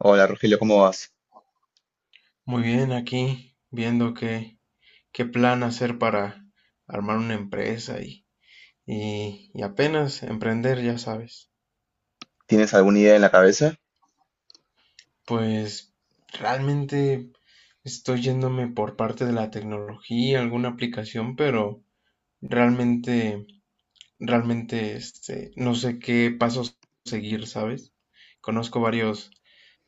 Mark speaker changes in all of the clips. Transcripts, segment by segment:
Speaker 1: Hola Rogelio, ¿cómo vas?
Speaker 2: Muy bien, aquí viendo qué, qué plan hacer para armar una empresa y apenas emprender, ya sabes.
Speaker 1: ¿Tienes alguna idea en la cabeza?
Speaker 2: Pues realmente estoy yéndome por parte de la tecnología, alguna aplicación, pero realmente, realmente este, no sé qué pasos seguir, ¿sabes? Conozco varios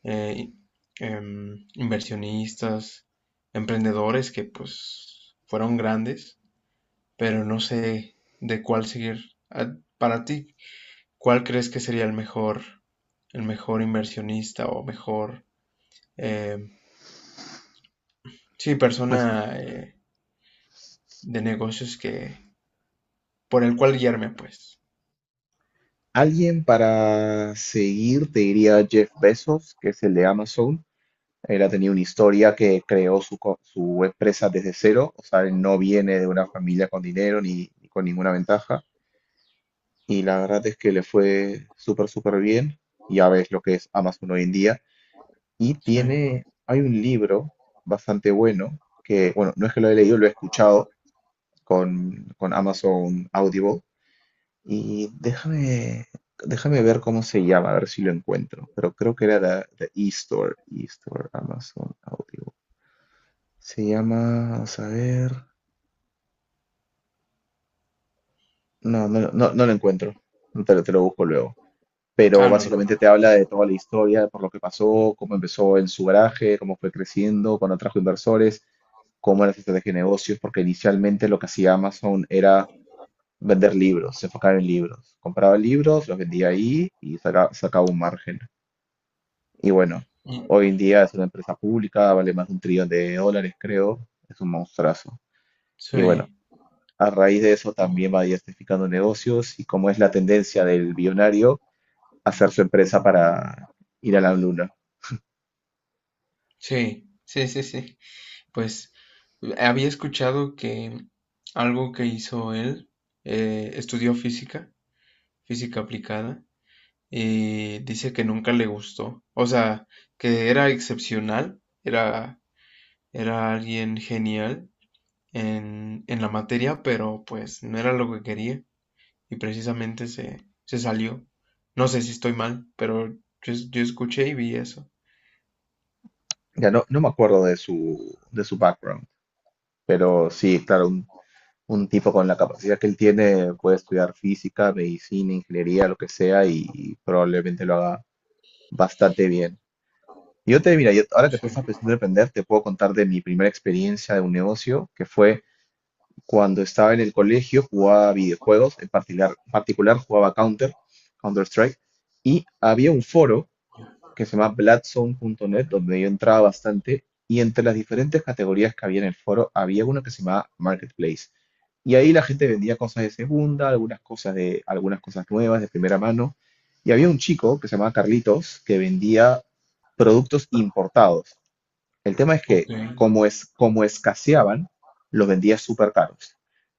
Speaker 2: eh, inversionistas, emprendedores que pues fueron grandes pero no sé de cuál seguir. Ah, para ti, ¿cuál crees que sería el mejor inversionista o mejor, eh, sí, persona
Speaker 1: Pues
Speaker 2: de negocios que, por el cual guiarme, pues?
Speaker 1: alguien para seguir te diría Jeff Bezos, que es el de Amazon. Él ha tenido una historia que creó su empresa desde cero, o sea, él no viene de una familia con dinero ni con ninguna ventaja. Y la verdad es que le fue súper, súper bien. Ya ves lo que es Amazon hoy en día. Y
Speaker 2: Sí.
Speaker 1: tiene, hay un libro bastante bueno, que, bueno, no es que lo he leído, lo he escuchado con Amazon Audible. Y déjame ver cómo se llama, a ver si lo encuentro. Pero creo que era la eStore Amazon Audio. Se llama, vamos a ver. No, no, no lo encuentro. Te lo busco luego. Pero
Speaker 2: Ah, no,
Speaker 1: básicamente te habla de toda la historia, por lo que pasó, cómo empezó en su garaje, cómo fue creciendo, cuando trajo inversores, cómo era su estrategia de negocios, porque inicialmente lo que hacía Amazon era vender libros, se enfocaba en libros. Compraba libros, los vendía ahí y sacaba un margen. Y bueno,
Speaker 2: y-
Speaker 1: hoy en día es una empresa pública, vale más de un trillón de dólares, creo. Es un monstruazo. Y bueno,
Speaker 2: sí,
Speaker 1: a raíz de eso también va diversificando negocios y, como es la tendencia del billonario, hacer su empresa para ir a la luna.
Speaker 2: sí, sí, sí, sí. Pues había escuchado que algo que hizo él, estudió física, física aplicada y dice que nunca le gustó. O sea, que era excepcional, era alguien genial en la materia, pero pues no era lo que quería y precisamente se salió. No sé si estoy mal, pero yo escuché y vi eso.
Speaker 1: Ya no me acuerdo de su background. Pero sí, claro, un tipo con la capacidad que él tiene puede estudiar física, medicina, ingeniería, lo que sea, y probablemente lo haga bastante bien. Mira, ahora que
Speaker 2: Sí,
Speaker 1: tú estás pensando en emprender, te puedo contar de mi primera experiencia de un negocio, que fue cuando estaba en el colegio, jugaba videojuegos, en particular, jugaba Counter-Strike, y había un foro que se llama Bladzone.net, donde yo entraba bastante, y entre las diferentes categorías que había en el foro había una que se llamaba Marketplace. Y ahí la gente vendía cosas de segunda, algunas cosas nuevas de primera mano, y había un chico que se llamaba Carlitos que vendía productos importados. El tema es que
Speaker 2: ok,
Speaker 1: como escaseaban, los vendía súper caros.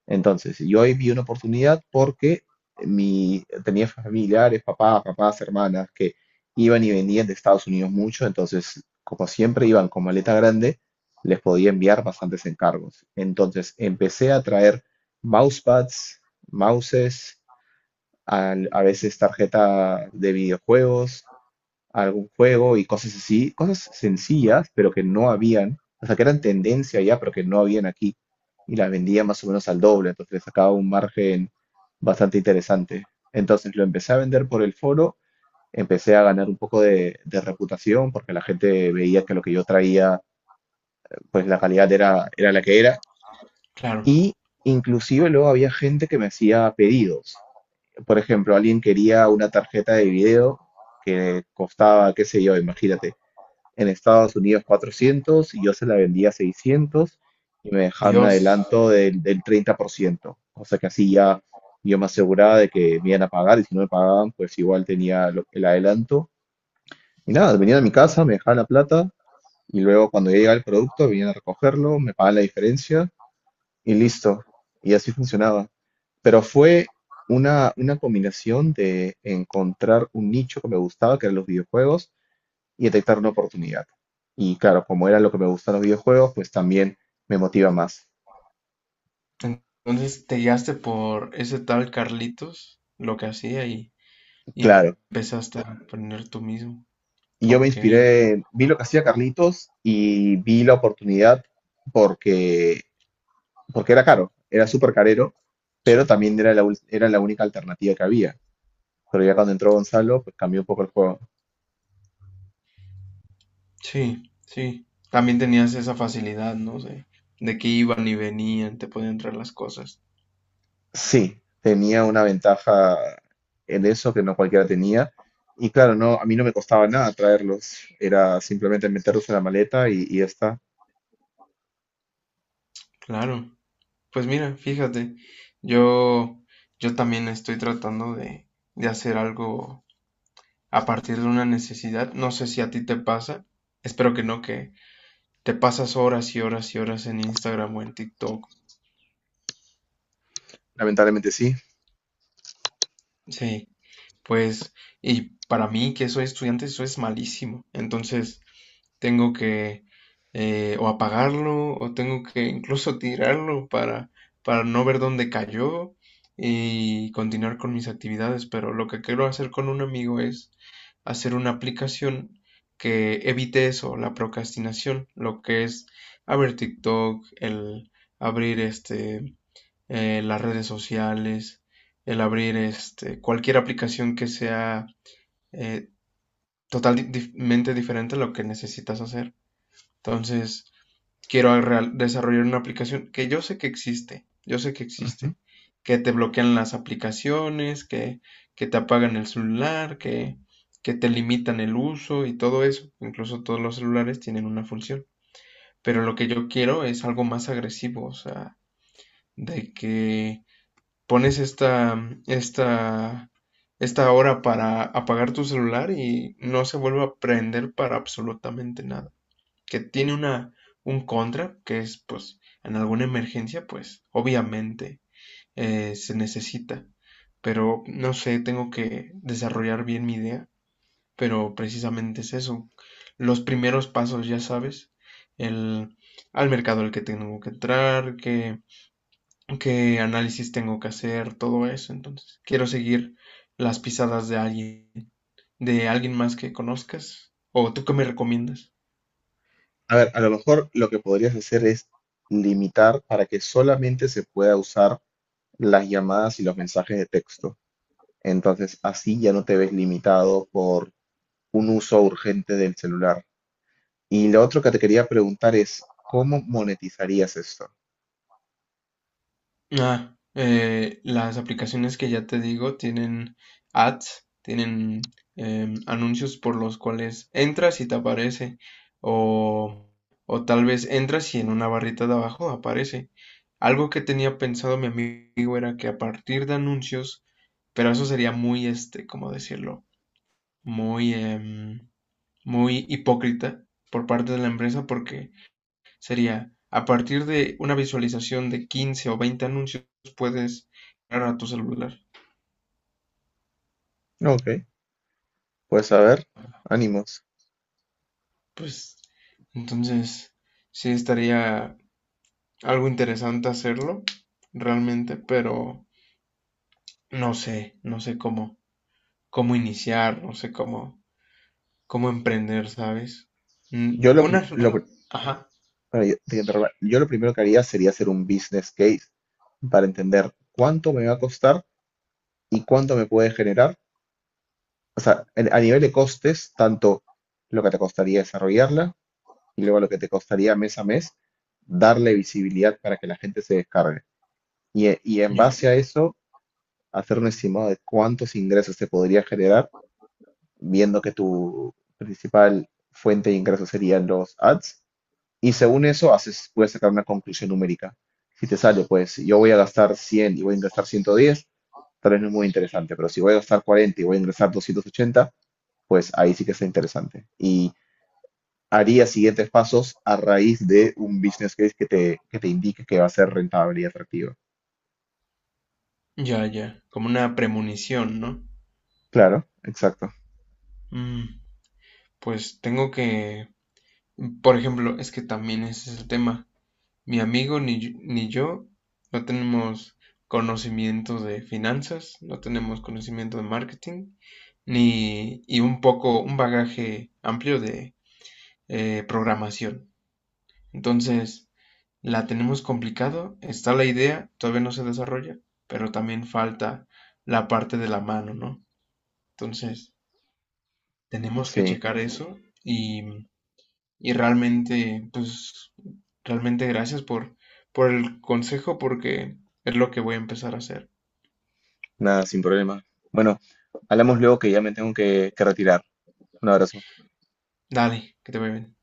Speaker 1: Entonces, yo ahí vi una oportunidad porque tenía familiares, papás, hermanas que iban y venían de Estados Unidos mucho. Entonces, como siempre iban con maleta grande, les podía enviar bastantes encargos. Entonces, empecé a traer mousepads, mouses, a veces tarjeta de videojuegos, algún juego y cosas así, cosas sencillas, pero que no habían, o sea, que eran tendencia ya, pero que no habían aquí, y las vendía más o menos al doble. Entonces le sacaba un margen bastante interesante. Entonces lo empecé a vender por el foro, empecé a ganar un poco de reputación, porque la gente veía que lo que yo traía, pues la calidad era la que era,
Speaker 2: claro.
Speaker 1: y inclusive luego había gente que me hacía pedidos. Por ejemplo, alguien quería una tarjeta de video que costaba, qué sé yo, imagínate en Estados Unidos 400, y yo se la vendía a 600 y me dejaban un
Speaker 2: Dios.
Speaker 1: adelanto del 30%, cosa que así ya yo me aseguraba de que me iban a pagar, y si no me pagaban, pues igual tenía el adelanto. Y nada, venían a mi casa, me dejaban la plata, y luego, cuando ya llegaba el producto, venían a recogerlo, me pagaban la diferencia y listo. Y así funcionaba. Pero fue una combinación de encontrar un nicho que me gustaba, que eran los videojuegos, y detectar una oportunidad. Y claro, como era lo que me gustan los videojuegos, pues también me motiva más.
Speaker 2: Entonces te guiaste por ese tal Carlitos, lo que hacía y
Speaker 1: Claro,
Speaker 2: empezaste a aprender tú mismo.
Speaker 1: y yo me
Speaker 2: Ok.
Speaker 1: inspiré, vi lo que hacía Carlitos y vi la oportunidad porque, porque era caro, era súper carero, pero también era era la única alternativa que había. Pero ya cuando entró Gonzalo, pues cambió un poco el juego.
Speaker 2: Sí, sí. También tenías esa facilidad, ¿no? De que iban y venían, te podían traer las cosas.
Speaker 1: Sí, tenía una ventaja en eso que no cualquiera tenía. Y claro, no, a mí no me costaba nada traerlos, era simplemente meterlos en la maleta y ya está.
Speaker 2: Claro. Pues mira, fíjate, yo, yo también estoy tratando de hacer algo a partir de una necesidad. No sé si a ti te pasa. Espero que no, que te pasas horas y horas y horas en Instagram o en TikTok.
Speaker 1: Lamentablemente sí.
Speaker 2: Sí, pues, y para mí, que soy estudiante, eso es malísimo. Entonces, tengo que o apagarlo o tengo que incluso tirarlo para no ver dónde cayó y continuar con mis actividades. Pero lo que quiero hacer con un amigo es hacer una aplicación que evite eso, la procrastinación, lo que es abrir TikTok, el abrir este, las redes sociales, el abrir este, cualquier aplicación que sea eh, totalmente diferente a lo que necesitas hacer. Entonces, desarrollar una aplicación que yo sé que existe, yo sé que
Speaker 1: Ujú.
Speaker 2: existe, que te bloquean las aplicaciones, que te apagan el celular, que te limitan el uso y todo eso. Incluso todos los celulares tienen una función. Pero lo que yo quiero es algo más agresivo, o sea, de que pones esta hora para apagar tu celular y no se vuelve a prender para absolutamente nada, que tiene una, un contra, que es pues en alguna emergencia, pues obviamente se necesita. Pero no sé, tengo que desarrollar bien mi idea, pero precisamente es eso. Los primeros pasos, ya sabes, el, al mercado al que tengo que entrar, qué, qué análisis tengo que hacer, todo eso. Entonces, quiero seguir las pisadas de alguien más que conozcas. ¿O tú qué me recomiendas?
Speaker 1: A ver, a lo mejor lo que podrías hacer es limitar para que solamente se pueda usar las llamadas y los mensajes de texto. Entonces, así ya no te ves limitado por un uso urgente del celular. Y lo otro que te quería preguntar es, ¿cómo monetizarías esto?
Speaker 2: Ah, las aplicaciones que ya te digo tienen ads, tienen anuncios por los cuales entras y te aparece, o, o tal vez entras y en una barrita de abajo aparece. Algo que tenía pensado mi amigo era que a partir de anuncios, pero eso sería muy, este, ¿cómo decirlo? Muy, muy hipócrita por parte de la empresa porque sería, a partir de una visualización de 15 o 20 anuncios, puedes entrar a tu celular.
Speaker 1: Ok, pues a ver, ánimos.
Speaker 2: Pues, entonces, sí estaría algo interesante hacerlo, realmente, pero no sé, cómo iniciar, no sé cómo, cómo emprender, ¿sabes? Mm,
Speaker 1: Yo
Speaker 2: una,
Speaker 1: lo pri-
Speaker 2: ajá,
Speaker 1: bueno, yo te interrumpo. Yo lo primero que haría sería hacer un business case para entender cuánto me va a costar y cuánto me puede generar. O sea, a nivel de costes, tanto lo que te costaría desarrollarla y luego lo que te costaría mes a mes darle visibilidad para que la gente se descargue. Y en
Speaker 2: ya,
Speaker 1: base a eso, hacer un estimado de cuántos ingresos se podría generar, viendo que tu principal fuente de ingresos serían los ads. Y según eso, haces, puedes sacar una conclusión numérica. Si te sale, pues yo voy a gastar 100 y voy a ingresar 110, tal vez no es muy interesante, pero si voy a gastar 40 y voy a ingresar 280, pues ahí sí que está interesante. Y haría siguientes pasos a raíz de un business case que te indique que va a ser rentable y atractivo.
Speaker 2: ya, ya, como una premonición, ¿no?
Speaker 1: Claro, exacto.
Speaker 2: Mm, pues tengo que, por ejemplo, es que también ese es el tema. Mi amigo ni yo no tenemos conocimiento de finanzas, no tenemos conocimiento de marketing, ni y un poco, un bagaje amplio de programación. Entonces, la tenemos complicado, está la idea, todavía no se desarrolla, pero también falta la parte de la mano, ¿no? Entonces, tenemos que
Speaker 1: Sí,
Speaker 2: checar eso y. Y realmente, pues, realmente gracias por el consejo porque es lo que voy a empezar a hacer.
Speaker 1: nada, sin problema. Bueno, hablamos luego que ya me tengo que retirar. Un abrazo.
Speaker 2: Dale, que te vaya bien.